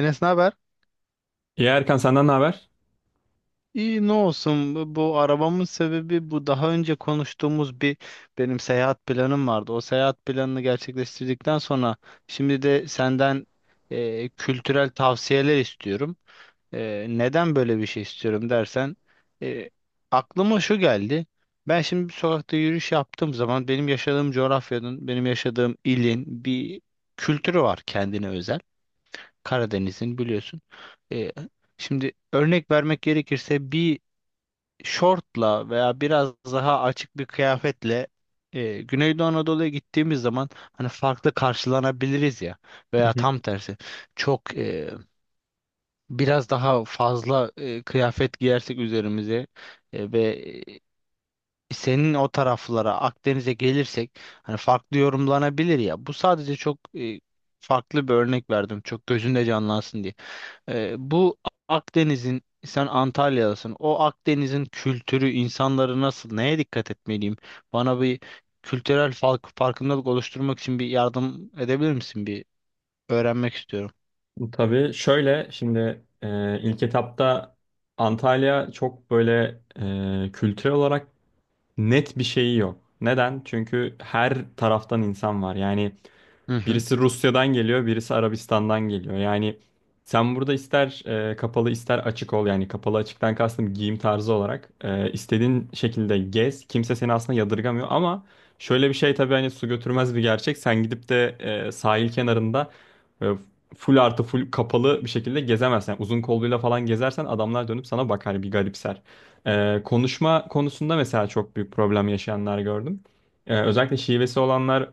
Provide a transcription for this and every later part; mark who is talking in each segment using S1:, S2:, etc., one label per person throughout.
S1: Enes, ne haber?
S2: İyi Erkan, senden ne haber?
S1: İyi ne olsun, bu arabamın sebebi bu, daha önce konuştuğumuz bir benim seyahat planım vardı. O seyahat planını gerçekleştirdikten sonra şimdi de senden kültürel tavsiyeler istiyorum. Neden böyle bir şey istiyorum dersen e, aklıma şu geldi. Ben şimdi bir sokakta yürüyüş yaptığım zaman benim yaşadığım coğrafyanın, benim yaşadığım ilin bir kültürü var kendine özel. Karadeniz'in biliyorsun. E, Şimdi örnek vermek gerekirse bir şortla veya biraz daha açık bir kıyafetle Güneydoğu Anadolu'ya gittiğimiz zaman hani farklı karşılanabiliriz ya,
S2: Hı
S1: veya tam tersi çok biraz daha fazla kıyafet giyersek üzerimize e, ve e, senin o taraflara Akdeniz'e gelirsek hani farklı yorumlanabilir ya. Bu sadece çok farklı bir örnek verdim. Çok gözünde canlansın diye. Bu Akdeniz'in, sen Antalya'dasın. O Akdeniz'in kültürü, insanları nasıl, neye dikkat etmeliyim? Bana bir kültürel fark, farkındalık oluşturmak için bir yardım edebilir misin? Bir öğrenmek istiyorum.
S2: hı. Tabii şöyle, şimdi ilk etapta Antalya çok böyle kültürel olarak net bir şeyi yok. Neden? Çünkü her taraftan insan var. Yani
S1: Hı hı.
S2: birisi Rusya'dan geliyor, birisi Arabistan'dan geliyor. Yani sen burada ister kapalı ister açık ol. Yani kapalı açıktan kastım giyim tarzı olarak. İstediğin şekilde gez. Kimse seni aslında yadırgamıyor ama şöyle bir şey, tabii hani su götürmez bir gerçek. Sen gidip de sahil kenarında e, full artı full kapalı bir şekilde gezemezsin. Yani uzun kolluyla falan gezersen adamlar dönüp sana bakar, hani bir garipser. Konuşma konusunda mesela çok büyük problem yaşayanlar gördüm. Özellikle şivesi olanlar,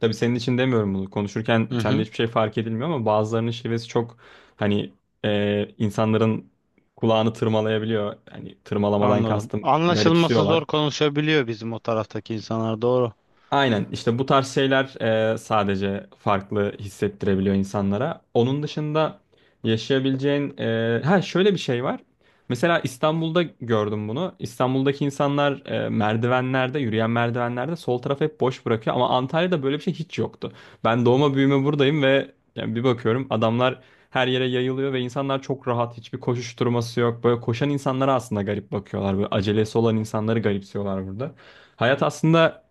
S2: tabii senin için demiyorum bunu. Konuşurken
S1: Hı
S2: sende
S1: hı.
S2: hiçbir şey fark edilmiyor ama bazılarının şivesi çok, hani insanların kulağını tırmalayabiliyor. Hani tırmalamadan
S1: Anladım.
S2: kastım,
S1: Anlaşılması
S2: garipsiyorlar.
S1: zor konuşabiliyor bizim o taraftaki insanlar. Doğru.
S2: Aynen, işte bu tarz şeyler sadece farklı hissettirebiliyor insanlara. Onun dışında yaşayabileceğin ha, şöyle bir şey var. Mesela İstanbul'da gördüm bunu. İstanbul'daki insanlar merdivenlerde, yürüyen merdivenlerde sol tarafı hep boş bırakıyor ama Antalya'da böyle bir şey hiç yoktu. Ben doğma büyüme buradayım ve yani bir bakıyorum, adamlar her yere yayılıyor ve insanlar çok rahat, hiçbir koşuşturması yok. Böyle koşan insanlara aslında garip bakıyorlar. Böyle acelesi olan insanları garipsiyorlar burada. Hayat aslında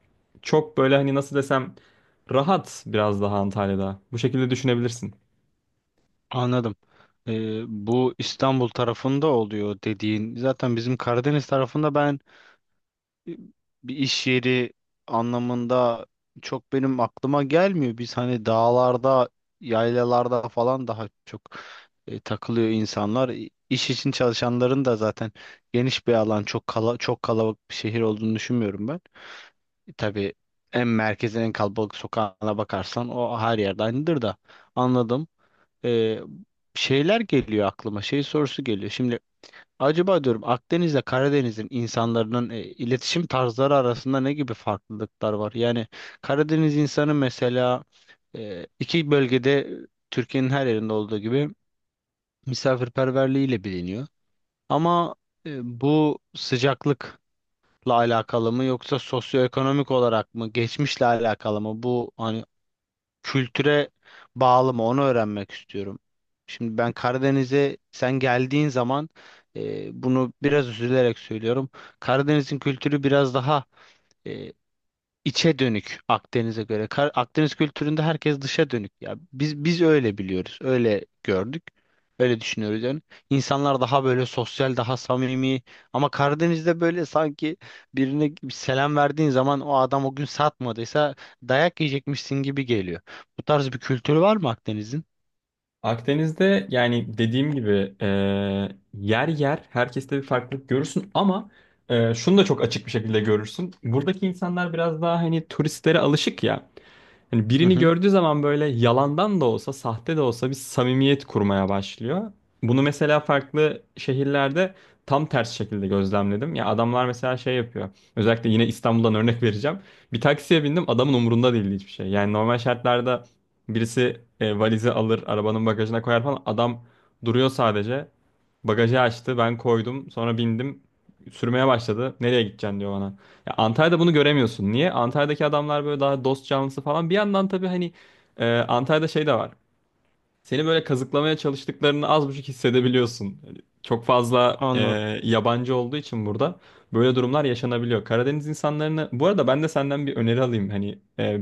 S2: çok böyle, hani nasıl desem, rahat biraz daha Antalya'da. Bu şekilde düşünebilirsin.
S1: Anladım. Bu İstanbul tarafında oluyor dediğin. Zaten bizim Karadeniz tarafında ben bir iş yeri anlamında çok benim aklıma gelmiyor. Biz hani dağlarda, yaylalarda falan daha çok takılıyor insanlar. İş için çalışanların da zaten geniş bir alan, çok kalabalık bir şehir olduğunu düşünmüyorum ben. Tabii en merkezin en kalabalık sokağına bakarsan o her yerde aynıdır da anladım. E, Şeyler geliyor aklıma, şey sorusu geliyor. Şimdi acaba diyorum Akdeniz'le Karadeniz'in insanların iletişim tarzları arasında ne gibi farklılıklar var? Yani Karadeniz insanı mesela iki bölgede, Türkiye'nin her yerinde olduğu gibi, misafirperverliğiyle biliniyor. Ama bu sıcaklıkla alakalı mı, yoksa sosyoekonomik olarak mı, geçmişle alakalı mı? Bu hani kültüre bağlı mı, onu öğrenmek istiyorum. Şimdi ben Karadeniz'e sen geldiğin zaman, bunu biraz üzülerek söylüyorum. Karadeniz'in kültürü biraz daha içe dönük Akdeniz'e göre. Akdeniz kültüründe herkes dışa dönük. Ya biz öyle biliyoruz, öyle gördük. Öyle düşünüyoruz yani. İnsanlar daha böyle sosyal, daha samimi. Ama Karadeniz'de böyle sanki birine bir selam verdiğin zaman o adam o gün satmadıysa dayak yiyecekmişsin gibi geliyor. Bu tarz bir kültürü var mı Akdeniz'in?
S2: Akdeniz'de, yani dediğim gibi, yer yer herkeste bir farklılık görürsün ama şunu da çok açık bir şekilde görürsün. Buradaki insanlar biraz daha hani turistlere alışık ya. Hani
S1: Hı
S2: birini
S1: hı,
S2: gördüğü zaman böyle yalandan da olsa, sahte de olsa bir samimiyet kurmaya başlıyor. Bunu mesela farklı şehirlerde tam ters şekilde gözlemledim. Ya adamlar mesela şey yapıyor. Özellikle yine İstanbul'dan örnek vereceğim. Bir taksiye bindim, adamın umurunda değildi hiçbir şey. Yani normal şartlarda birisi valizi alır, arabanın bagajına koyar falan. Adam duruyor sadece. Bagajı açtı, ben koydum, sonra bindim. Sürmeye başladı. Nereye gideceksin diyor bana. Ya Antalya'da bunu göremiyorsun. Niye? Antalya'daki adamlar böyle daha dost canlısı falan. Bir yandan tabii hani Antalya'da şey de var. Seni böyle kazıklamaya çalıştıklarını az buçuk hissedebiliyorsun. Hani çok fazla
S1: anladım.
S2: yabancı olduğu için burada böyle durumlar yaşanabiliyor. Karadeniz insanlarını... Bu arada ben de senden bir öneri alayım. Hani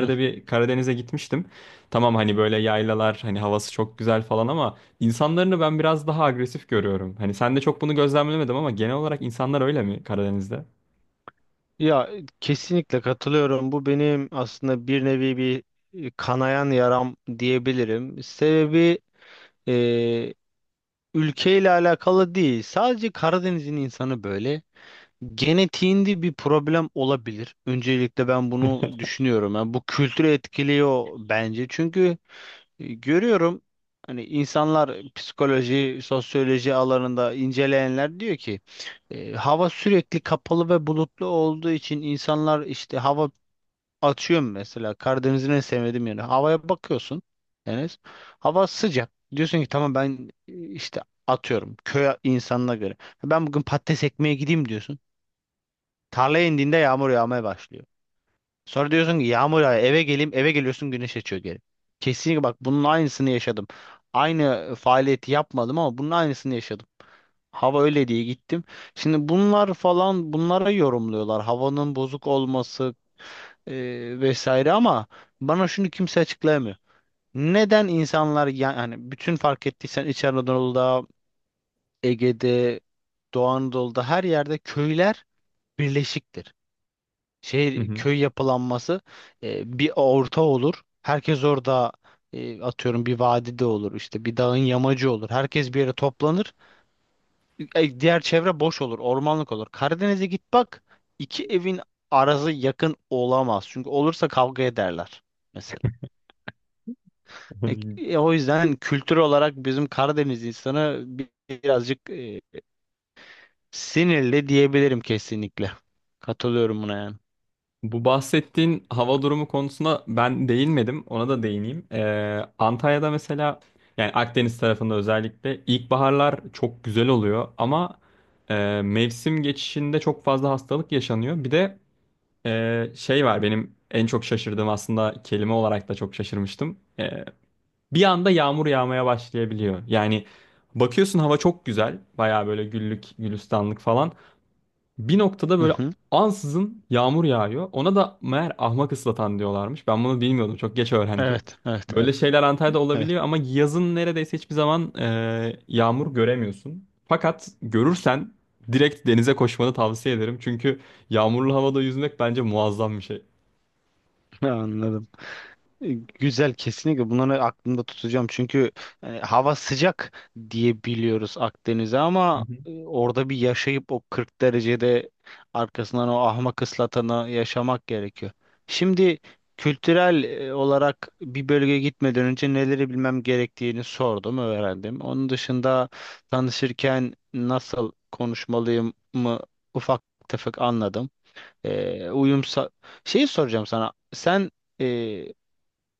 S1: Hı.
S2: bir Karadeniz'e gitmiştim. Tamam, hani böyle yaylalar, hani havası çok güzel falan ama insanlarını ben biraz daha agresif görüyorum. Hani sen de çok bunu gözlemlemedim ama genel olarak insanlar öyle mi Karadeniz'de?
S1: Ya kesinlikle katılıyorum. Bu benim aslında bir nevi bir kanayan yaram diyebilirim. Sebebi ülkeyle alakalı değil. Sadece Karadeniz'in insanı böyle. Genetiğinde bir problem olabilir. Öncelikle ben bunu düşünüyorum. Yani bu kültürü etkiliyor bence. Çünkü görüyorum, hani insanlar psikoloji, sosyoloji alanında inceleyenler diyor ki hava sürekli kapalı ve bulutlu olduğu için insanlar işte hava. Atıyorum mesela Karadeniz'in en sevmediğim yeri. Havaya bakıyorsun, Enes. Hava sıcak. Diyorsun ki tamam ben işte atıyorum köy insanına göre. Ben bugün patates ekmeye gideyim diyorsun. Tarlaya indiğinde yağmur yağmaya başlıyor. Sonra diyorsun ki yağmur yağıyor, eve geleyim, eve geliyorsun güneş açıyor geri. Kesinlikle bak bunun aynısını yaşadım. Aynı faaliyeti yapmadım ama bunun aynısını yaşadım. Hava öyle diye gittim. Şimdi bunlar falan bunlara yorumluyorlar. Havanın bozuk olması vesaire, ama bana şunu kimse açıklayamıyor. Neden insanlar yani bütün fark ettiysen İç Anadolu'da, Ege'de, Doğu Anadolu'da her yerde köyler birleşiktir. Şehir köy yapılanması bir orta olur. Herkes orada atıyorum bir vadide olur, işte bir dağın yamacı olur. Herkes bir yere toplanır. Diğer çevre boş olur, ormanlık olur. Karadeniz'e git bak, iki evin arası yakın olamaz. Çünkü olursa kavga ederler.
S2: Hani
S1: O yüzden kültür olarak bizim Karadeniz insanı birazcık sinirli diyebilirim kesinlikle. Katılıyorum buna yani.
S2: bu bahsettiğin hava durumu konusuna ben değinmedim. Ona da değineyim. Antalya'da mesela, yani Akdeniz tarafında özellikle ilkbaharlar çok güzel oluyor ama mevsim geçişinde çok fazla hastalık yaşanıyor. Bir de şey var, benim en çok şaşırdığım, aslında kelime olarak da çok şaşırmıştım. Bir anda yağmur yağmaya başlayabiliyor. Yani bakıyorsun, hava çok güzel. Baya böyle güllük, gülistanlık falan. Bir noktada
S1: Hı
S2: böyle
S1: hı.
S2: ansızın yağmur yağıyor. Ona da meğer ahmak ıslatan diyorlarmış. Ben bunu bilmiyordum. Çok geç öğrendim.
S1: Evet, evet,
S2: Böyle
S1: evet,
S2: şeyler Antalya'da
S1: evet.
S2: olabiliyor ama yazın neredeyse hiçbir zaman yağmur göremiyorsun. Fakat görürsen direkt denize koşmanı tavsiye ederim. Çünkü yağmurlu havada yüzmek bence muazzam bir şey.
S1: Anladım. E, Güzel, kesinlikle bunları aklımda tutacağım, çünkü yani hava sıcak diye biliyoruz Akdeniz'e
S2: Hı
S1: ama
S2: hı.
S1: orada bir yaşayıp o 40 derecede arkasından o ahmak ıslatanı yaşamak gerekiyor. Şimdi kültürel olarak bir bölgeye gitmeden önce neleri bilmem gerektiğini sordum, öğrendim. Onun dışında tanışırken nasıl konuşmalıyım mı, ufak tefek anladım. E, uyum sa- Şeyi soracağım sana. Sen e,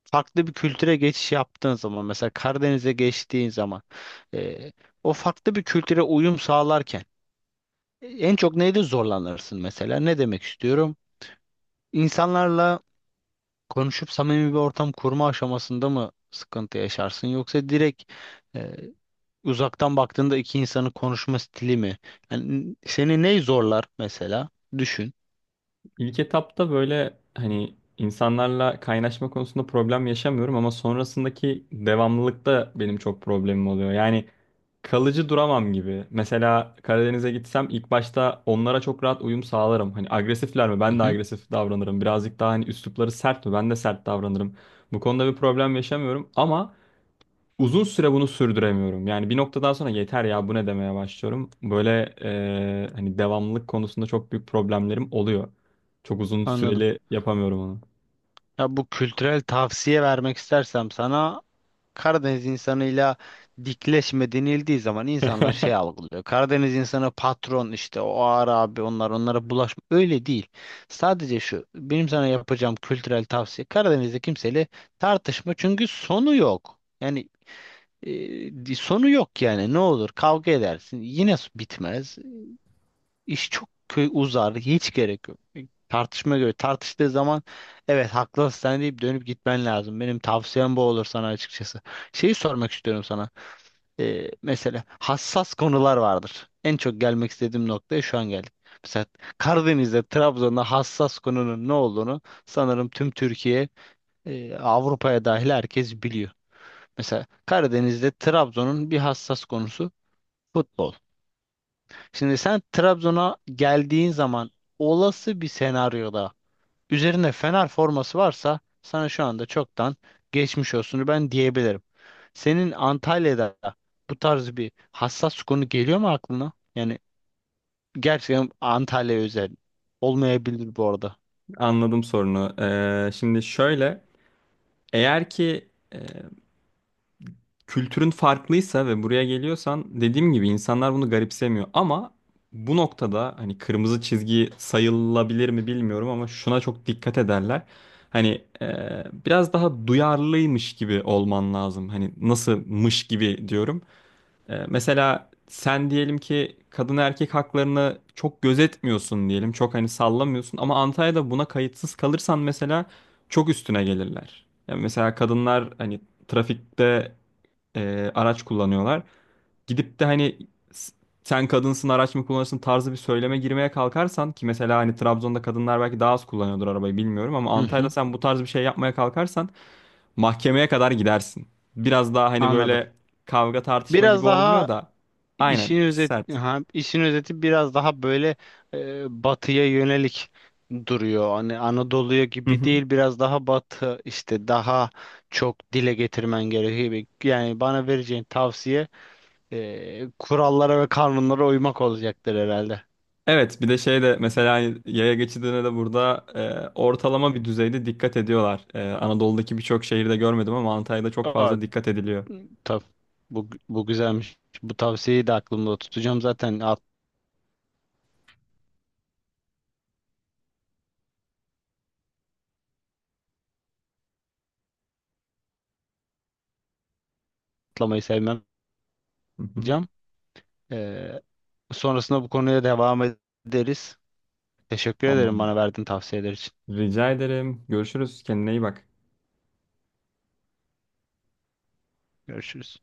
S1: farklı bir kültüre geçiş yaptığın zaman, mesela Karadeniz'e geçtiğin zaman, e, o farklı bir kültüre uyum sağlarken en çok neyde zorlanırsın mesela? Ne demek istiyorum? İnsanlarla konuşup samimi bir ortam kurma aşamasında mı sıkıntı yaşarsın, yoksa direkt e, uzaktan baktığında iki insanın konuşma stili mi? Yani seni ney zorlar mesela? Düşün.
S2: İlk etapta böyle hani insanlarla kaynaşma konusunda problem yaşamıyorum ama sonrasındaki devamlılıkta benim çok problemim oluyor. Yani kalıcı duramam gibi. Mesela Karadeniz'e gitsem ilk başta onlara çok rahat uyum sağlarım. Hani agresifler mi?
S1: Hı
S2: Ben de
S1: hı,
S2: agresif davranırım. Birazcık daha hani üslupları sert mi? Ben de sert davranırım. Bu konuda bir problem yaşamıyorum ama uzun süre bunu sürdüremiyorum. Yani bir noktadan sonra yeter ya bu, ne demeye başlıyorum. Böyle hani devamlılık konusunda çok büyük problemlerim oluyor. Çok uzun
S1: anladım.
S2: süreli yapamıyorum onu.
S1: Ya bu kültürel tavsiye vermek istersem sana, Karadeniz insanıyla dikleşme denildiği zaman insanlar şey algılıyor. Karadeniz insanı patron, işte o ağır abi, onlar, onlara bulaşma. Öyle değil. Sadece şu benim sana yapacağım kültürel tavsiye: Karadeniz'de kimseyle tartışma, çünkü sonu yok. Yani sonu yok yani, ne olur kavga edersin, yine bitmez. Uzar. Hiç gerek yok. Tartışma göre. Tartıştığı zaman evet haklısın sen deyip dönüp gitmen lazım. Benim tavsiyem bu olur sana açıkçası. Şeyi sormak istiyorum sana. Mesela hassas konular vardır. En çok gelmek istediğim noktaya şu an geldik. Mesela Karadeniz'de, Trabzon'da hassas konunun ne olduğunu sanırım tüm Türkiye, Avrupa'ya dahil herkes biliyor. Mesela Karadeniz'de Trabzon'un bir hassas konusu futbol. Şimdi sen Trabzon'a geldiğin zaman, olası bir senaryoda üzerine Fener forması varsa sana şu anda çoktan geçmiş olsun ben diyebilirim. Senin Antalya'da bu tarz bir hassas konu geliyor mu aklına? Yani gerçekten Antalya özel olmayabilir bu arada.
S2: Anladım sorunu. Şimdi şöyle, eğer ki kültürün farklıysa ve buraya geliyorsan, dediğim gibi insanlar bunu garipsemiyor. Ama bu noktada hani kırmızı çizgi sayılabilir mi bilmiyorum ama şuna çok dikkat ederler. Hani biraz daha duyarlıymış gibi olman lazım. Hani nasılmış gibi diyorum. Mesela sen diyelim ki kadın erkek haklarını çok gözetmiyorsun diyelim. Çok hani sallamıyorsun ama Antalya'da buna kayıtsız kalırsan mesela çok üstüne gelirler. Yani mesela kadınlar hani trafikte araç kullanıyorlar. Gidip de hani s- sen kadınsın, araç mı kullanırsın tarzı bir söyleme girmeye kalkarsan, ki mesela hani Trabzon'da kadınlar belki daha az kullanıyordur arabayı bilmiyorum, ama
S1: Hı
S2: Antalya'da
S1: hı,
S2: sen bu tarz bir şey yapmaya kalkarsan mahkemeye kadar gidersin. Biraz daha hani
S1: anladım.
S2: böyle kavga tartışma
S1: Biraz
S2: gibi olmuyor
S1: daha
S2: da aynen
S1: İşin özet,
S2: sert.
S1: ha, işin özeti biraz daha böyle batıya yönelik duruyor. Hani Anadolu'ya
S2: Hı
S1: gibi
S2: hı.
S1: değil, biraz daha batı, işte daha çok dile getirmen gerekiyor. Yani bana vereceğin tavsiye kurallara ve kanunlara uymak olacaktır herhalde.
S2: Evet, bir de şey de mesela hani yaya geçidine de burada ortalama bir düzeyde dikkat ediyorlar. Anadolu'daki birçok şehirde görmedim ama Antalya'da çok
S1: Aa,
S2: fazla dikkat ediliyor.
S1: tabii. Bu güzelmiş. Bu tavsiyeyi de aklımda tutacağım. Zaten atlamayı sevmem.
S2: Hı hı.
S1: Hocam. E, Sonrasında bu konuya devam ederiz. Teşekkür ederim
S2: Tamam.
S1: bana verdiğin tavsiyeler için.
S2: Rica ederim. Görüşürüz. Kendine iyi bak.
S1: Görüşürüz.